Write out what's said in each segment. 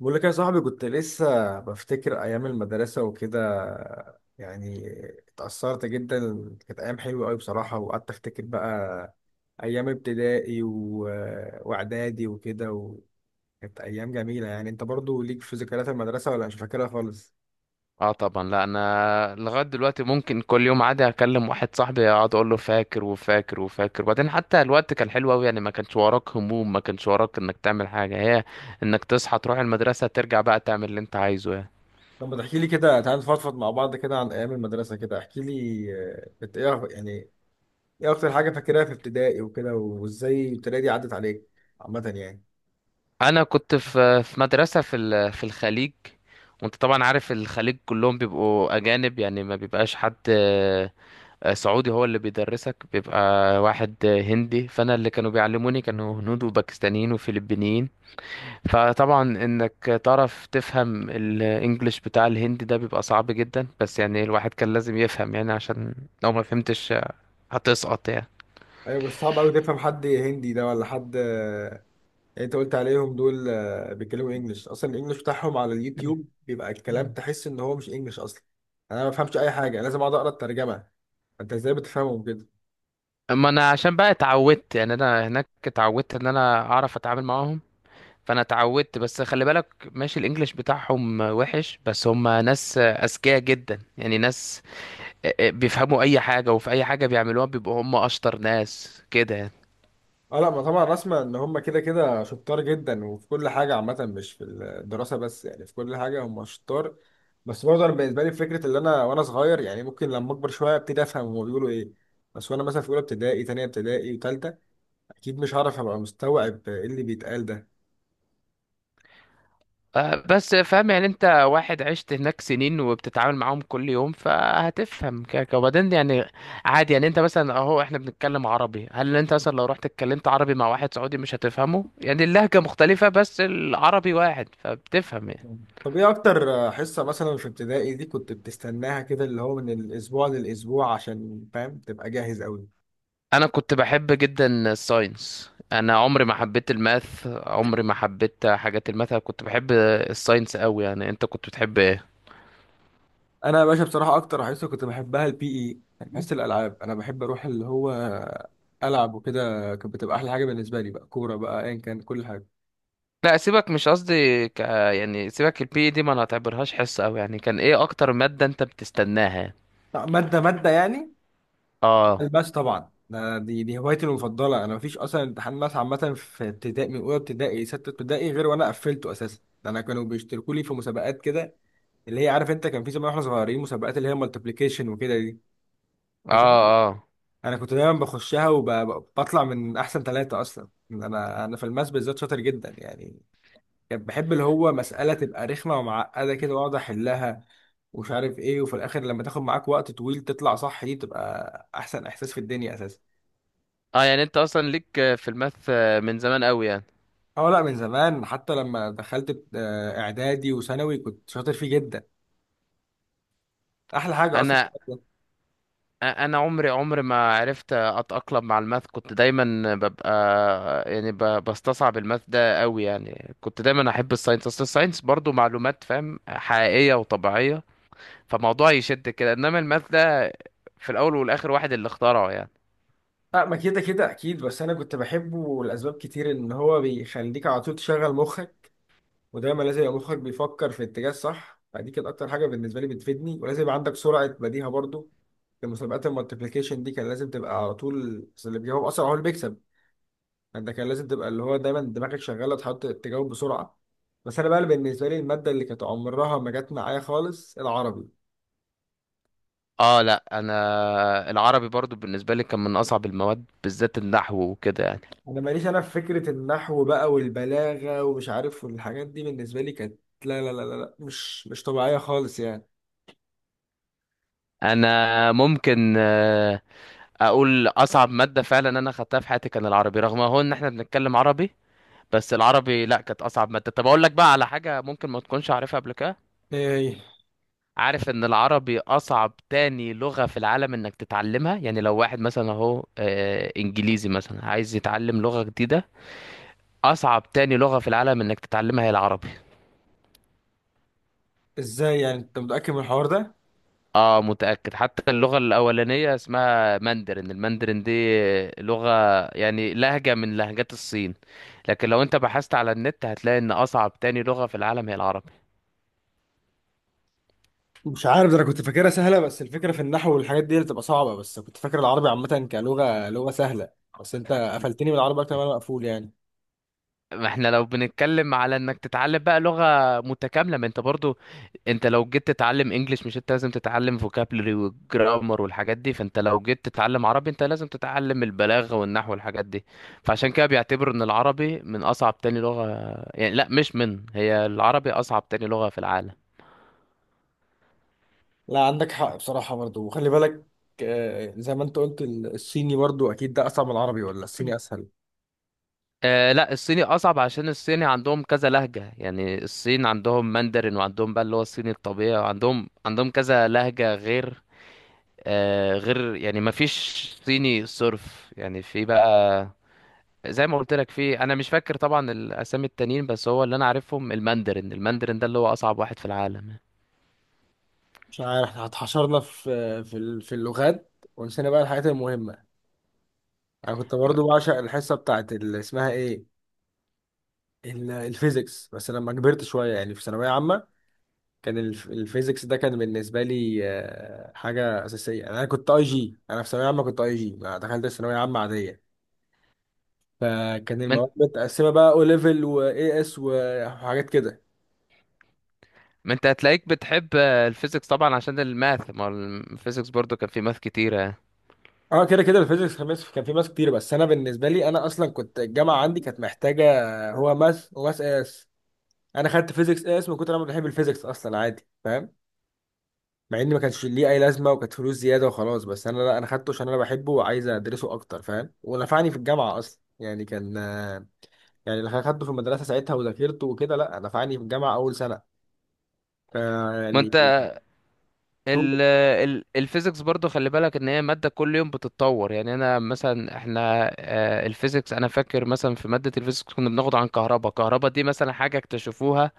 بقول لك يا صاحبي، كنت لسه بفتكر ايام المدرسه وكده يعني. اتأثرت جدا. كانت ايام حلوه قوي بصراحه، وقعدت افتكر بقى ايام ابتدائي واعدادي وكده، وكانت ايام جميله. يعني انت برضو ليك في ذكريات المدرسه ولا مش فاكرها خالص؟ اه طبعا، لا انا لغايه دلوقتي ممكن كل يوم عادي اكلم واحد صاحبي اقعد اقول له فاكر وفاكر وفاكر. وبعدين حتى الوقت كان حلو قوي، يعني ما كانش وراك هموم، ما كانش وراك انك تعمل حاجه هي انك تصحى تروح المدرسه ترجع بقى تعمل اللي انت عايزه يعني. طب ما تحكي لي كده، تعال نفضفض مع بعض كده عن ايام المدرسه، كده احكي لي. كنت ايه يعني؟ ايه اكتر حاجه فاكرها في ابتدائي وكده، وازاي ابتدائي دي عدت عليك عامه يعني؟ انا كنت في مدرسه في الخليج. وانت طبعا عارف الخليج كلهم بيبقوا اجانب، يعني ما بيبقاش حد سعودي هو اللي بيدرسك، بيبقى واحد هندي. فانا اللي كانوا بيعلموني كانوا هنود وباكستانيين وفلبينيين. فطبعا انك تعرف تفهم الانجليش بتاع الهندي ده بيبقى صعب جدا، بس يعني الواحد كان لازم يفهم يعني، عشان لو ما فهمتش هتسقط يعني. ايوه، بس صعب قوي تفهم حد هندي ده ولا حد، اللي انت قلت عليهم دول، بيتكلموا انجلش اصلا. الانجلش بتاعهم على اليوتيوب بيبقى الكلام مم. تحس ان هو مش انجلش اصلا. انا ما بفهمش اي حاجه، لازم اقعد اقرا الترجمه. انت ازاي بتفهمهم كده؟ اما انا عشان بقى اتعودت، يعني انا هناك اتعودت ان انا اعرف اتعامل معاهم، فانا اتعودت. بس خلي بالك ماشي، الانجليش بتاعهم وحش بس هم ناس اذكياء جدا، يعني ناس بيفهموا اي حاجة، وفي اي حاجة بيعملوها بيبقوا هم اشطر ناس كده يعني. اه لا، ما طبعا رسمة ان هم كده كده شطار جدا، وفي كل حاجه عامه، مش في الدراسه بس يعني. في كل حاجه هم شطار. بس برضه انا بالنسبه لي فكره اللي انا وانا صغير، يعني ممكن لما اكبر شويه ابتدي افهم هم بيقولوا ايه. بس وانا مثلا في اولى ابتدائي، تانية ابتدائي، وتالتة، اكيد مش هعرف ابقى مستوعب ايه اللي بيتقال ده. بس فاهم؟ يعني انت واحد عشت هناك سنين وبتتعامل معاهم كل يوم، فهتفهم كده كده. وبعدين يعني عادي، يعني انت مثلا اهو احنا بنتكلم عربي، هل انت مثلا لو رحت اتكلمت عربي مع واحد سعودي مش هتفهمه؟ يعني اللهجة مختلفة بس العربي واحد، فبتفهم يعني. طب ايه اكتر حصة مثلا في ابتدائي دي كنت بتستناها كده، اللي هو من الاسبوع للاسبوع عشان فاهم تبقى جاهز قوي؟ انا كنت بحب جدا الساينس، انا عمري ما حبيت الماث، عمري ما حبيت حاجات الماث. أنا كنت بحب الساينس قوي. يعني انت كنت بتحب ايه؟ انا يا باشا بصراحة اكتر حصة كنت بحبها البي اي، يعني حصة الالعاب. انا بحب اروح اللي هو العب وكده. كانت بتبقى احلى حاجة بالنسبة لي، بقى كورة بقى ايا كان، كل حاجة. لا سيبك، مش قصدي يعني سيبك البي دي، ما انا اعتبرهاش حصة. او يعني كان ايه اكتر مادة انت بتستناها؟ مادة مادة يعني؟ اه، الباس طبعا ده دي هوايتي المفضله. انا مفيش اصلا امتحان ماس عامه في ابتدائي، من اولى ابتدائي سته ابتدائي، غير وانا قفلته اساسا. ده انا كانوا بيشتركوا لي في مسابقات كده، اللي هي عارف انت، كان في زمان واحنا صغيرين مسابقات، اللي هي مالتيبليكيشن وكده دي. اه، فاكر؟ اه، انا كنت دايما بخشها وبطلع من احسن ثلاثه. اصلا انا في الماس بالذات شاطر جدا يعني. كان بحب اللي هو مساله تبقى رخمه ومعقده كده، واقعد احلها ومش عارف ايه، وفي الاخر لما تاخد معاك وقت طويل تطلع صح، دي بتبقى احسن احساس في الدنيا اساسا. اه. يعني انت اصلا ليك في الماث من زمان قوي يعني. اه لا، من زمان. حتى لما دخلت اعدادي وثانوي كنت شاطر فيه جدا، احلى حاجه اصلا. انا انا عمري ما عرفت اتأقلم مع الماث، كنت دايما ببقى يعني بستصعب الماث ده قوي. يعني كنت دايما احب الساينس، اصل الساينس برضو معلومات، فاهم، حقيقية وطبيعية، فموضوع يشد كده. انما الماث ده في الاول والاخر واحد اللي اخترعه يعني. لا، ما كده كده اكيد، بس انا كنت بحبه لاسباب كتير. ان هو بيخليك على طول تشغل مخك، ودايما لازم يبقى مخك بيفكر في اتجاه صح. فدي كانت اكتر حاجه بالنسبه لي بتفيدني. ولازم يبقى عندك سرعه بديهه برضو. في مسابقات المالتيبليكيشن دي كان لازم تبقى على طول، بس اللي بيجاوب اسرع هو اللي بيكسب. انت كان لازم تبقى اللي هو دايما دماغك شغاله، تحط تجاوب بسرعه. بس انا بقى، اللي بالنسبه لي الماده اللي كانت عمرها ما جت معايا خالص، العربي. اه لا، انا العربي برضو بالنسبه لي كان من اصعب المواد، بالذات النحو وكده يعني. انا ماليش انا في فكره النحو بقى والبلاغه ومش عارف، والحاجات دي بالنسبه لي كانت لا لا لا لا لا، مش طبيعيه خالص يعني. انا ممكن اقول اصعب ماده فعلا انا خدتها في حياتي كان العربي، رغم هو ان احنا بنتكلم عربي، بس العربي لا، كانت اصعب ماده. طب اقول لك بقى على حاجه ممكن ما تكونش عارفها قبل كده. ايه؟ عارف ان العربي اصعب تاني لغه في العالم انك تتعلمها؟ يعني لو واحد مثلا اهو انجليزي مثلا عايز يتعلم لغه جديده، اصعب تاني لغه في العالم انك تتعلمها هي العربي. ازاي يعني، انت متاكد من الحوار ده؟ اه متأكد. حتى اللغة الأولانية اسمها ماندرين، الماندرين دي لغة، يعني لهجة من لهجات الصين. لكن لو انت بحثت على النت هتلاقي ان اصعب تاني لغة في العالم هي العربي. مش عارف ده، انا كنت فاكرها سهله. بس الفكره في النحو والحاجات دي اللي بتبقى صعبه، بس كنت فاكر العربي عامه كلغه لغه سهله. بس انت قفلتني من العربي اكتر ما انا مقفول يعني. ما احنا لو بنتكلم على انك تتعلم بقى لغة متكاملة، ما انت برضو انت لو جيت تتعلم انجليش مش انت لازم تتعلم فوكابلري والجرامر والحاجات دي؟ فانت لو جيت تتعلم عربي انت لازم تتعلم البلاغة والنحو والحاجات دي. فعشان كده بيعتبروا ان العربي من اصعب تاني لغة. يعني لا، مش من، هي العربي اصعب تاني لغة في العالم. لا، عندك حق بصراحه برضو. وخلي بالك، زي ما انت قلت الصيني برضو اكيد ده اصعب من العربي، ولا الصيني اسهل؟ آه لا، الصيني اصعب، عشان الصيني عندهم كذا لهجة. يعني الصين عندهم ماندرين، وعندهم بقى اللي هو الصيني الطبيعي، وعندهم كذا لهجة غير غير، يعني ما فيش صيني صرف، يعني في بقى زي ما قلت لك. في، انا مش فاكر طبعا الاسامي التانيين، بس هو اللي انا عارفهم الماندرين، الماندرين ده اللي هو اصعب واحد في العالم. مش عارف، احنا اتحشرنا في في اللغات، ونسينا بقى الحاجات المهمه. انا كنت برضو بعشق الحصه بتاعت اللي اسمها ايه، الفيزيكس، بس لما كبرت شويه يعني في ثانويه عامه، كان الفيزيكس ده كان بالنسبه لي حاجه اساسيه يعني. انا كنت اي جي، انا في ثانويه عامه كنت اي جي، ما دخلت ثانويه عامه عاديه. فكان ما المواد انت متقسمه بقى، او ليفل واي اس وحاجات كده. ما انت هتلاقيك بتحب الفيزيكس طبعا عشان الماث، ما هو الفيزيكس برضو كان فيه ماث كتيرة يعني. اه كده كده، الفيزيكس كان كان فيه ماس كتير. بس انا بالنسبه لي انا اصلا كنت الجامعه عندي كانت محتاجه، هو ماس وماس اس. انا خدت فيزيكس اس من كتر ما أنا بحب الفيزيكس اصلا، عادي فاهم. مع ان ما كانش ليه اي لازمه، وكانت فلوس زياده وخلاص. بس انا لا، انا خدته عشان انا بحبه وعايز ادرسه اكتر فاهم، ونفعني في الجامعه اصلا يعني. كان يعني اللي خدته في المدرسه ساعتها وذاكرته وكده، لا نفعني في الجامعه اول سنه. ف- ما يعني انت هو- ال الفيزيكس برضو خلي بالك ان هي مادة كل يوم بتتطور. يعني انا مثلا احنا الفيزيكس، انا فاكر مثلا في مادة الفيزيكس كنا بناخد عن كهرباء دي مثلا حاجة اكتشفوها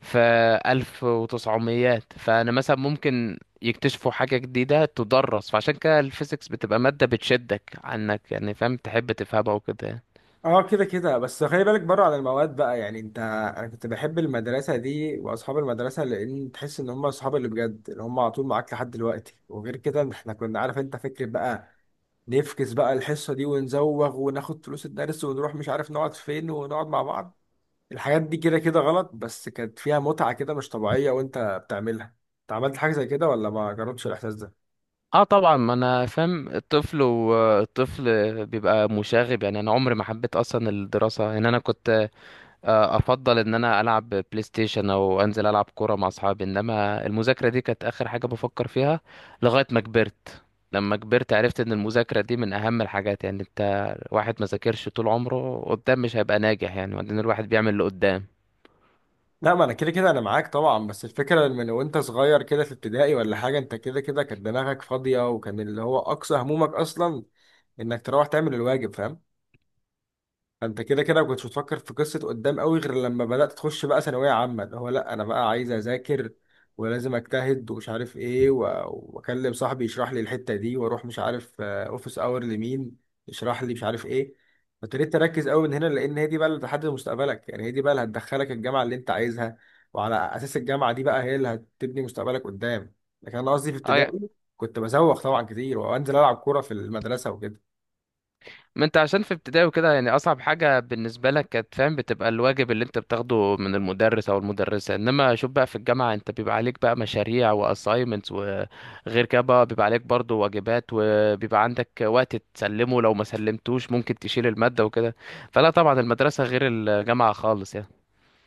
في 1900، فأنا مثلا ممكن يكتشفوا حاجة جديدة تدرس. فعشان كده الفيزيكس بتبقى مادة بتشدك عنك يعني، فاهم، تحب تفهمها وكده يعني. اه كده كده. بس خلي بالك، بره عن المواد بقى يعني انت، انا كنت بحب المدرسه دي واصحاب المدرسه، لان تحس ان هم اصحاب اللي بجد، اللي هم على طول معاك لحد دلوقتي. وغير كده، إن احنا كنا عارف انت فكره بقى نفكس بقى الحصة دي ونزوغ، وناخد فلوس الدرس ونروح مش عارف نقعد فين، ونقعد مع بعض. الحاجات دي كده كده غلط، بس كانت فيها متعة كده مش طبيعية وانت بتعملها. انت عملت حاجة زي كده ولا ما جربتش الإحساس ده؟ اه طبعا، ما انا فاهم. الطفل بيبقى مشاغب يعني. انا عمري ما حبيت اصلا الدراسة، يعني انا كنت افضل ان انا العب بلاي ستيشن او انزل العب كوره مع اصحابي، انما المذاكره دي كانت اخر حاجه بفكر فيها. لغايه ما كبرت، لما كبرت عرفت ان المذاكره دي من اهم الحاجات. يعني انت واحد ما ذاكرش طول عمره قدام مش هيبقى ناجح يعني. وبعدين الواحد بيعمل اللي قدام. لا ما انا كده كده انا معاك طبعا. بس الفكرة من وانت صغير كده في ابتدائي ولا حاجة، انت كده كده كانت دماغك فاضية، وكان اللي هو أقصى همومك أصلا انك تروح تعمل الواجب، فاهم؟ انت كده كده ما كنتش بتفكر في قصه قدام قوي، غير لما بدات تخش بقى ثانويه عامه، اللي هو لا انا بقى عايز اذاكر، ولازم اجتهد ومش عارف ايه واكلم صاحبي يشرح لي الحته دي، واروح مش عارف اوفيس اور لمين يشرح لي مش عارف ايه. فابتديت تركز قوي من هنا، لان هي دي بقى اللي بتحدد مستقبلك يعني. هي دي بقى اللي هتدخلك الجامعه اللي انت عايزها، وعلى اساس الجامعه دي بقى هي اللي هتبني مستقبلك قدام. لكن انا قصدي في اه، ابتدائي كنت بزوغ طبعا كتير، وانزل العب كوره في المدرسه وكده. ما انت عشان في ابتدائي وكده يعني اصعب حاجه بالنسبه لك كانت، فاهم، بتبقى الواجب اللي انت بتاخده من المدرس او المدرسه. انما شوف بقى في الجامعه انت بيبقى عليك بقى مشاريع واساينمنتس، وغير كده بقى بيبقى عليك برضو واجبات، وبيبقى عندك وقت تسلمه، لو ما سلمتوش ممكن تشيل الماده وكده. فلا، طبعا المدرسه غير الجامعه خالص يعني.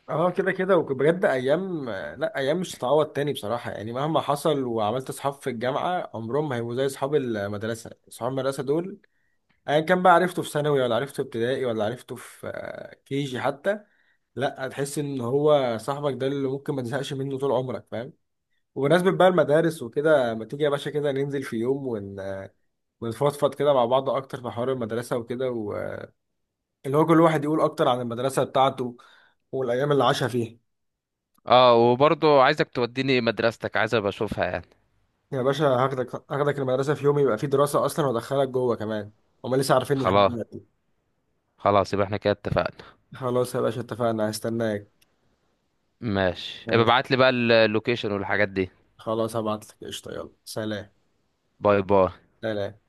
اه كده كده. وبجد ايام، لا ايام مش هتتعوض تاني بصراحه يعني، مهما حصل وعملت اصحاب في الجامعه، عمرهم ما هيبقوا زي اصحاب المدرسه. اصحاب المدرسه دول، ايا كان بقى عرفته في ثانوي، ولا عرفته في ابتدائي، ولا عرفته في كيجي حتى، لا، هتحس ان هو صاحبك ده اللي ممكن ما تزهقش منه طول عمرك، فاهم؟ وبمناسبة بقى المدارس وكده، ما تيجي يا باشا كده ننزل في يوم ونفضفض كده مع بعض اكتر في حوار المدرسة وكده، اللي هو كل واحد يقول اكتر عن المدرسة بتاعته، والايام اللي عاشها فيها. اه، وبرضو عايزك توديني مدرستك، عايز ابقى اشوفها يعني. يا باشا هاخدك، هاخدك المدرسة في يوم يبقى فيه دراسة أصلا، وأدخلك جوه كمان. هما لسه عارفين لحد خلاص، دلوقتي. خلاص يبقى احنا كده اتفقنا. خلاص يا باشا، اتفقنا. هستناك. ماشي، ابقى ماشي، ابعت لي بقى اللوكيشن والحاجات دي. خلاص هبعتلك. قشطة، يلا سلام. باي باي. سلام.